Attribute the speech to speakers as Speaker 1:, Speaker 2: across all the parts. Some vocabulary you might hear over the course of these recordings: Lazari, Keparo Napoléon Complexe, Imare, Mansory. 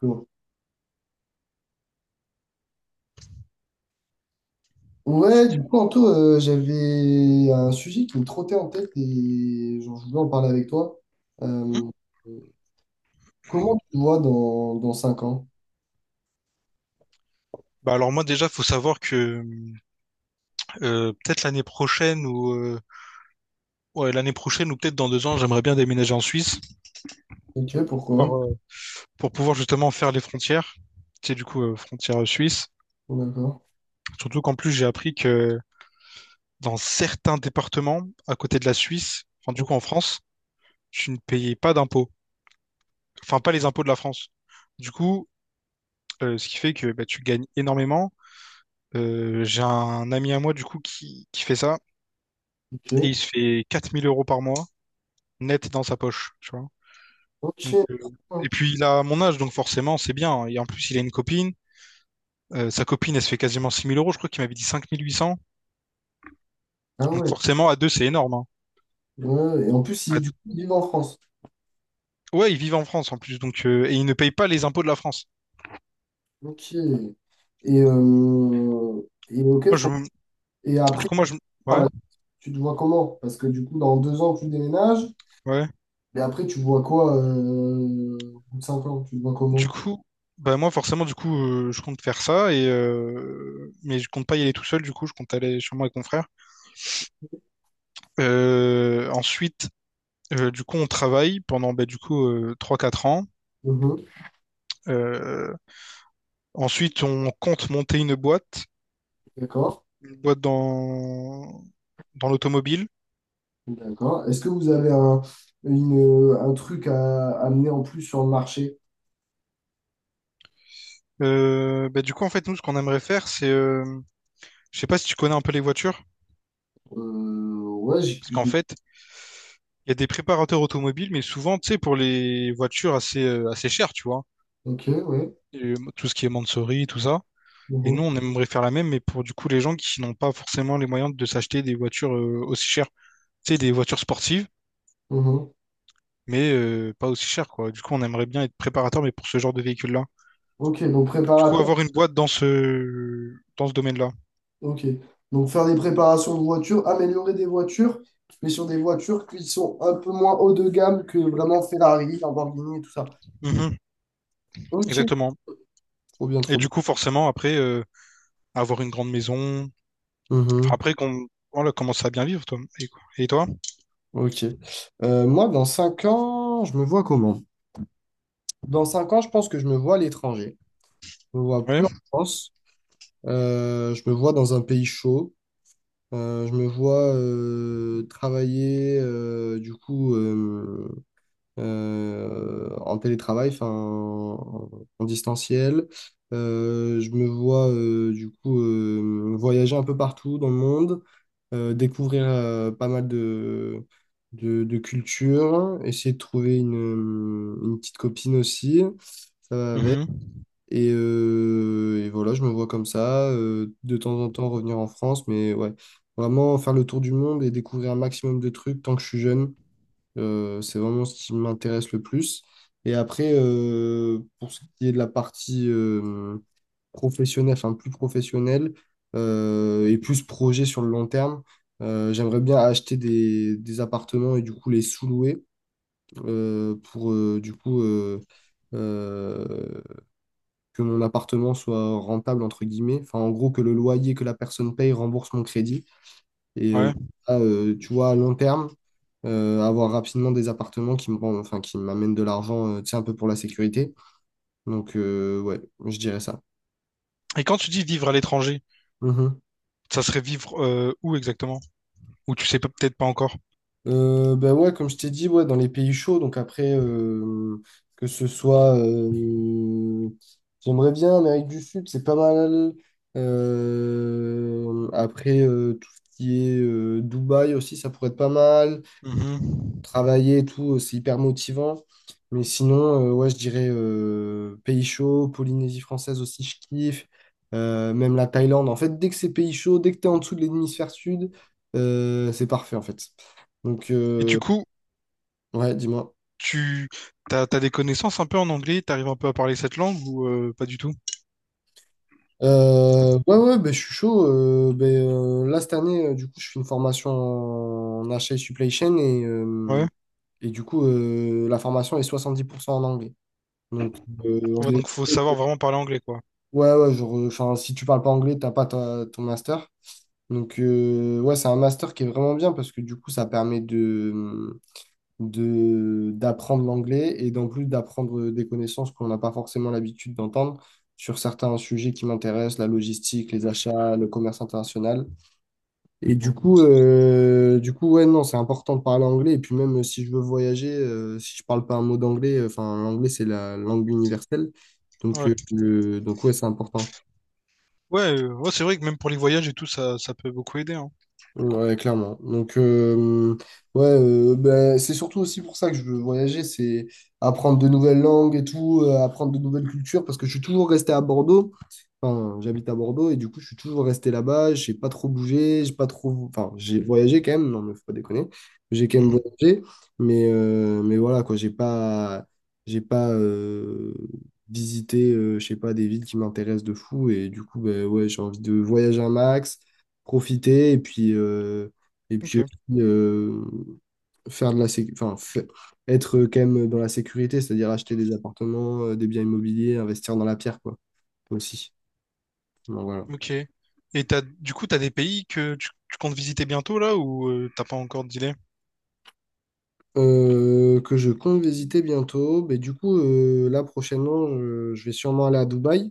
Speaker 1: Cool. Ouais, du coup, Anto, j'avais un sujet qui me trottait en tête et genre, je voulais en parler avec toi.
Speaker 2: Hmm.
Speaker 1: Euh, Comment tu te vois dans 5 ans?
Speaker 2: Bah alors moi déjà faut savoir que peut-être l'année prochaine ou ouais, l'année prochaine ou peut-être dans 2 ans j'aimerais bien déménager en Suisse
Speaker 1: Ok,
Speaker 2: pour,
Speaker 1: pourquoi?
Speaker 2: pouvoir, euh, pour pouvoir justement faire les frontières. C'est du coup frontière suisse,
Speaker 1: Oh, d'accord.
Speaker 2: surtout qu'en plus j'ai appris que dans certains départements à côté de la Suisse, enfin du coup en France, tu ne payais pas d'impôts, enfin pas les impôts de la France, du coup ce qui fait que bah, tu gagnes énormément. J'ai un ami à moi du coup qui fait ça, et
Speaker 1: Ok.
Speaker 2: il se fait 4 000 € par mois net dans sa poche, tu vois. Donc,
Speaker 1: Ok.
Speaker 2: euh, et puis il a mon âge, donc forcément, c'est bien. Et en plus, il a une copine. Sa copine, elle se fait quasiment 6000 euros. Je crois qu'il m'avait dit 5 800.
Speaker 1: Ah
Speaker 2: Donc
Speaker 1: ouais.
Speaker 2: forcément, à deux, c'est énorme, hein.
Speaker 1: Ouais, et en plus,
Speaker 2: À
Speaker 1: du
Speaker 2: deux-
Speaker 1: coup, ils vivent en France.
Speaker 2: Ouais, ils vivent en France en plus. Et ils ne payent pas les impôts de la France.
Speaker 1: Ok. Et ok,
Speaker 2: Moi, je...
Speaker 1: trop. Et
Speaker 2: Du
Speaker 1: après,
Speaker 2: coup, moi, je...
Speaker 1: par
Speaker 2: Ouais,
Speaker 1: la suite, tu te vois comment? Parce que du coup, dans 2 ans, tu déménages,
Speaker 2: ouais.
Speaker 1: mais après, tu vois quoi, au bout de 5 ans? Tu te vois
Speaker 2: Du
Speaker 1: comment?
Speaker 2: coup, bah moi, forcément, du coup, je compte faire ça. Mais je compte pas y aller tout seul. Du coup, je compte aller chez moi avec mon frère. Euh, Ensuite, du coup, on travaille pendant, bah, du coup, 3-4 ans.
Speaker 1: Mhm.
Speaker 2: Euh, Ensuite, on compte monter une boîte.
Speaker 1: D'accord,
Speaker 2: Une boîte dans, dans l'automobile.
Speaker 1: d'accord. Est-ce que vous avez un truc à amener en plus sur le marché?
Speaker 2: Bah, du coup, en fait, nous, ce qu'on aimerait faire, c'est je sais pas si tu connais un peu les voitures,
Speaker 1: Euh, ouais, j'ai...
Speaker 2: parce qu'en
Speaker 1: j'ai-
Speaker 2: fait, il y a des préparateurs automobiles, mais souvent, tu sais, pour les voitures assez chères, tu vois.
Speaker 1: Ok, ouais.
Speaker 2: Tout ce qui est Mansory, tout ça. Et nous,
Speaker 1: Mhm,
Speaker 2: on aimerait faire la même, mais pour du coup les gens qui n'ont pas forcément les moyens de s'acheter des voitures aussi chères, tu sais, des voitures sportives,
Speaker 1: mhm.
Speaker 2: mais pas aussi chères, quoi. Du coup, on aimerait bien être préparateur, mais pour ce genre de véhicule-là.
Speaker 1: Ok, donc
Speaker 2: Du coup,
Speaker 1: préparateur.
Speaker 2: avoir une boîte dans ce domaine-là.
Speaker 1: Ok. Donc faire des préparations de voitures, améliorer des voitures, mais sur des voitures qui sont un peu moins haut de gamme que vraiment Ferrari, Lamborghini et tout ça.
Speaker 2: Mhm,
Speaker 1: Ok,
Speaker 2: exactement.
Speaker 1: trop bien,
Speaker 2: Et
Speaker 1: trop bien.
Speaker 2: du coup, forcément, après, avoir une grande maison. Enfin,
Speaker 1: Mhm.
Speaker 2: après, qu'on voilà, commencer à bien vivre, toi. Et, quoi. Et toi?
Speaker 1: Ok. Moi, dans 5 ans, je me vois comment? Dans 5 ans, je pense que je me vois à l'étranger. Je me vois
Speaker 2: Ouais.
Speaker 1: plus en France. Je me vois dans un pays chaud. Je me vois travailler, du coup, en télétravail, enfin en distanciel. Je me vois, du coup, voyager un peu partout dans le monde, découvrir, pas mal de cultures, essayer de trouver une petite copine aussi. Ça va avec.
Speaker 2: Mhm.
Speaker 1: Et voilà, je me vois comme ça, de temps en temps revenir en France, mais ouais, vraiment faire le tour du monde et découvrir un maximum de trucs tant que je suis jeune, c'est vraiment ce qui m'intéresse le plus. Et après, pour ce qui est de la partie professionnelle, enfin plus professionnelle, et plus projet sur le long terme, j'aimerais bien acheter des appartements et du coup les sous-louer, pour du coup... euh, que mon appartement soit rentable, entre guillemets. Enfin, en gros, que le loyer que la personne paye rembourse mon crédit. Et
Speaker 2: Ouais.
Speaker 1: tu vois, à long terme, avoir rapidement des appartements enfin, qui m'amènent de l'argent, tu sais, un peu pour la sécurité. Donc, ouais, je dirais ça.
Speaker 2: Et quand tu dis vivre à l'étranger,
Speaker 1: Mhm.
Speaker 2: ça serait vivre où exactement? Ou tu sais peut-être pas encore?
Speaker 1: Ben ouais, comme je t'ai dit, ouais, dans les pays chauds, donc après, que ce soit, j'aimerais bien Amérique du Sud, c'est pas mal. Après, tout ce qui est Dubaï aussi, ça pourrait être pas mal.
Speaker 2: Mhm.
Speaker 1: Travailler et tout, c'est hyper motivant. Mais sinon, ouais, je dirais pays chauds, Polynésie française aussi, je kiffe. Même la Thaïlande. En fait, dès que c'est pays chaud, dès que t'es en dessous de l'hémisphère sud, c'est parfait en fait. Donc,
Speaker 2: Et du coup,
Speaker 1: ouais, dis-moi.
Speaker 2: tu t'as des connaissances un peu en anglais, t'arrives un peu à parler cette langue ou pas du tout?
Speaker 1: Ouais, ouais, ben, je suis chaud. Là, cette année, du coup, je fais une formation en achat et supply chain et, euh,
Speaker 2: Ouais.
Speaker 1: et du coup, la formation est 70% en anglais. Donc, euh, on
Speaker 2: Ouais,
Speaker 1: est-
Speaker 2: donc faut savoir vraiment parler anglais, quoi.
Speaker 1: ouais, ouais, genre, enfin, si tu parles pas anglais, t'as pas ton master. Donc, ouais, c'est un master qui est vraiment bien parce que du coup, ça permet de d'apprendre l'anglais et d'en plus d'apprendre des connaissances qu'on n'a pas forcément l'habitude d'entendre sur certains sujets qui m'intéressent, la logistique, les achats, le commerce international. Et du coup, ouais, non, c'est important de parler anglais. Et puis même, si je veux voyager, si je parle pas un mot d'anglais, enfin, l'anglais, c'est la langue universelle. Donc,
Speaker 2: Ouais,
Speaker 1: euh, le- donc ouais, c'est important.
Speaker 2: ouais, ouais, c'est vrai que même pour les voyages et tout, ça peut beaucoup aider, hein.
Speaker 1: Ouais, clairement. Donc, ouais, ben, c'est surtout aussi pour ça que je veux voyager, c'est apprendre de nouvelles langues et tout, apprendre de nouvelles cultures, parce que je suis toujours resté à Bordeaux. Enfin, j'habite à Bordeaux et du coup, je suis toujours resté là-bas. J'ai pas trop bougé, j'ai pas trop. Enfin, j'ai voyagé quand même, non, mais faut pas déconner. J'ai quand même
Speaker 2: Mhm.
Speaker 1: voyagé, mais voilà, quoi, j'ai pas visité, je sais pas, des villes qui m'intéressent de fou et du coup, ben, ouais, j'ai envie de voyager un max profiter et puis
Speaker 2: Ok,
Speaker 1: aussi, faire de la sé- enfin, fa- être quand même dans la sécurité, c'est-à-dire acheter des appartements, des biens immobiliers, investir dans la pierre, quoi, aussi. Donc, voilà.
Speaker 2: ok. Et t'as, du coup, t'as des pays que tu comptes visiter bientôt là ou t'as pas encore d'idée?
Speaker 1: Que je compte visiter bientôt. Mais du coup, là prochainement, je vais sûrement aller à Dubaï.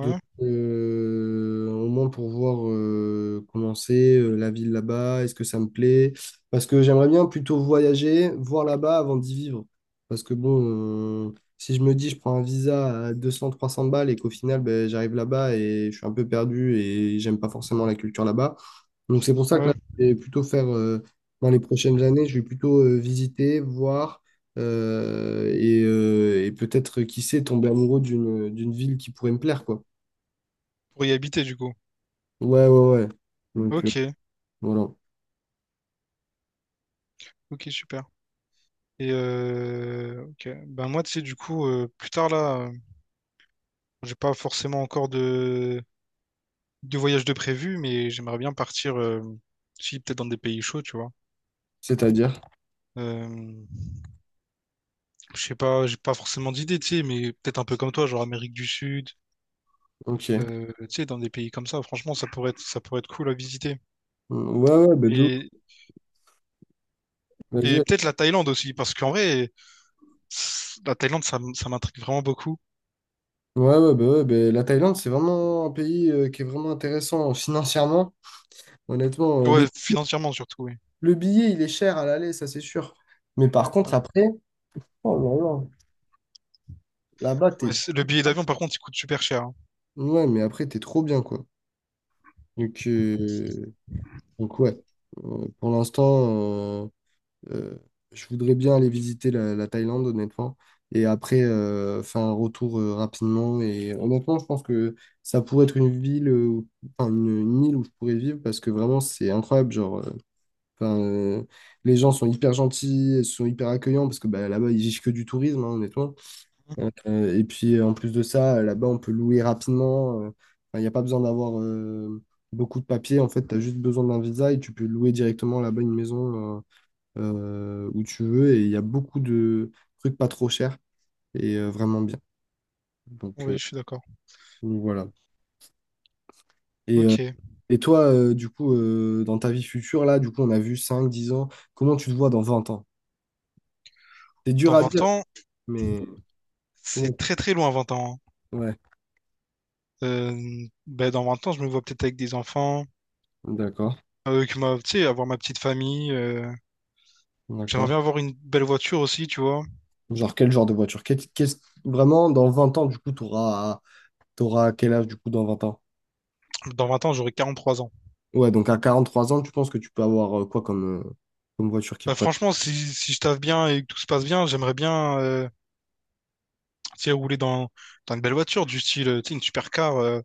Speaker 1: Donc, au moins pour voir, comment c'est, la ville là-bas, est-ce que ça me plaît? Parce que j'aimerais bien plutôt voyager, voir là-bas avant d'y vivre. Parce que bon, si je me dis je prends un visa à 200-300 balles et qu'au final ben, j'arrive là-bas et je suis un peu perdu et j'aime pas forcément la culture là-bas. Donc c'est pour ça que là,
Speaker 2: ouais,
Speaker 1: je vais plutôt faire, dans les prochaines années, je vais plutôt, visiter, voir, et peut-être, qui sait, tomber amoureux d'une ville qui pourrait me plaire, quoi.
Speaker 2: pour y habiter du coup.
Speaker 1: Ouais, ouais, ouais. Donc,
Speaker 2: Ok,
Speaker 1: voilà.
Speaker 2: ok, super. Et ok. Ben moi, tu sais, du coup, plus tard là, j'ai pas forcément encore de voyage de prévu, mais j'aimerais bien partir, si peut-être dans des pays chauds, tu vois.
Speaker 1: C'est-à-dire,
Speaker 2: Euh, je sais pas, j'ai pas forcément d'idée, tu sais, mais peut-être un peu comme toi, genre Amérique du Sud,
Speaker 1: ok.
Speaker 2: tu sais, dans des pays comme ça. Franchement, ça pourrait être cool à visiter.
Speaker 1: Mm, ouais, ouais, bah, de ouf.
Speaker 2: Et,
Speaker 1: Vas-y,
Speaker 2: et
Speaker 1: ouais.
Speaker 2: peut-être la Thaïlande aussi, parce qu'en vrai, la Thaïlande, ça m'intrigue vraiment beaucoup.
Speaker 1: Ouais, ouais, bah, la Thaïlande, c'est vraiment un pays, qui est vraiment intéressant, financièrement. Honnêtement,
Speaker 2: Ouais,
Speaker 1: le,
Speaker 2: financièrement surtout, oui.
Speaker 1: le billet, il est cher à l'aller, ça c'est sûr. Mais par contre, après, oh là là, là-bas,
Speaker 2: Ouais,
Speaker 1: t'es.
Speaker 2: le billet d'avion, par contre, il coûte super cher, hein.
Speaker 1: Ouais, mais après, t'es trop bien, quoi. Donc, euh, donc, ouais. Pour l'instant. euh, Euh, je voudrais bien aller visiter la Thaïlande, honnêtement, et après, faire un retour, rapidement. Et honnêtement, je pense que ça pourrait être enfin une île où je pourrais vivre parce que vraiment c'est incroyable. Genre, enfin, les gens sont hyper gentils, ils sont hyper accueillants parce que bah, là-bas ils vivent que du tourisme, hein, honnêtement.
Speaker 2: Mhm.
Speaker 1: Et puis, en plus de ça, là-bas on peut louer rapidement. Enfin, il n'y a pas besoin d'avoir, beaucoup de papiers. En fait, tu as juste besoin d'un visa et tu peux louer directement là-bas une maison, où tu veux, et il y a beaucoup de trucs pas trop chers et, vraiment bien. Donc,
Speaker 2: Oui,
Speaker 1: euh,
Speaker 2: je suis d'accord.
Speaker 1: donc, voilà. Et, euh,
Speaker 2: Ok.
Speaker 1: et toi, du coup, dans ta vie future, là, du coup, on a vu 5, 10 ans, comment tu te vois dans 20 ans? C'est dur
Speaker 2: Dans
Speaker 1: à
Speaker 2: vingt
Speaker 1: dire,
Speaker 2: ans,
Speaker 1: mais
Speaker 2: c'est
Speaker 1: comment-
Speaker 2: très très loin, 20 ans, hein.
Speaker 1: Ouais,
Speaker 2: Euh, ben, dans 20 ans, je me vois peut-être avec des enfants,
Speaker 1: d'accord,
Speaker 2: avec ma, tu sais, avoir ma petite famille. J'aimerais
Speaker 1: d'accord.
Speaker 2: bien avoir une belle voiture aussi, tu vois.
Speaker 1: Genre, quel genre de voiture? Vraiment, dans 20 ans, du coup, t'auras quel âge, du coup, dans 20 ans?
Speaker 2: Dans 20 ans, j'aurai 43 ans.
Speaker 1: Ouais, donc à 43 ans, tu penses que tu peux avoir, quoi comme, comme voiture qui
Speaker 2: Bah,
Speaker 1: pourrait.
Speaker 2: franchement, si, si je taffe bien et que tout se passe bien, j'aimerais bien tu sais, rouler dans une belle voiture, du style tu sais, une supercar.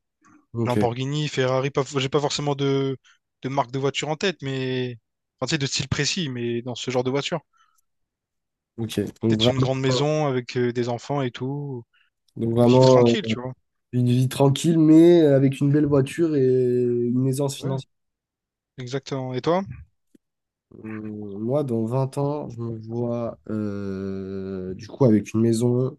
Speaker 1: Ok,
Speaker 2: Lamborghini, Ferrari, pas, j'ai pas forcément de marque de voiture en tête, mais enfin, tu sais, de style précis, mais dans ce genre de voiture.
Speaker 1: ok. Donc
Speaker 2: Peut-être une
Speaker 1: vraiment,
Speaker 2: grande maison avec des enfants et tout,
Speaker 1: donc
Speaker 2: vivre
Speaker 1: vraiment,
Speaker 2: tranquille, tu vois.
Speaker 1: une vie tranquille, mais avec une belle voiture et une aisance
Speaker 2: Ouais,
Speaker 1: financière.
Speaker 2: exactement. Et toi?
Speaker 1: Moi, dans 20 ans, je me vois, du coup avec une maison,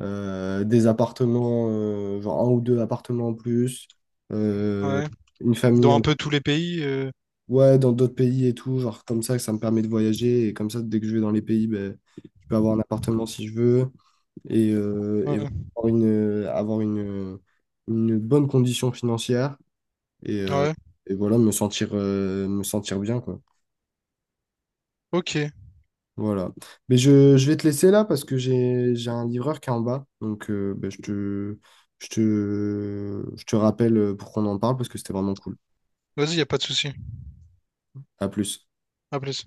Speaker 1: des appartements, genre un ou deux appartements en plus, euh,
Speaker 2: Ouais.
Speaker 1: une
Speaker 2: Dans
Speaker 1: famille
Speaker 2: un
Speaker 1: en-
Speaker 2: peu tous les pays.
Speaker 1: ouais, dans d'autres pays et tout, genre comme ça me permet de voyager et comme ça, dès que je vais dans les pays, ben, je peux avoir un appartement si je veux et
Speaker 2: Ouais,
Speaker 1: avoir une bonne condition financière. et, euh,
Speaker 2: ouais.
Speaker 1: et voilà, me sentir bien, quoi.
Speaker 2: Ok.
Speaker 1: Voilà. Mais je vais te laisser là parce que j'ai un livreur qui est en bas. Donc, ben, je te rappelle, pour qu'on en parle parce que c'était vraiment cool.
Speaker 2: Vas-y, y a pas de souci.
Speaker 1: À plus.
Speaker 2: À plus.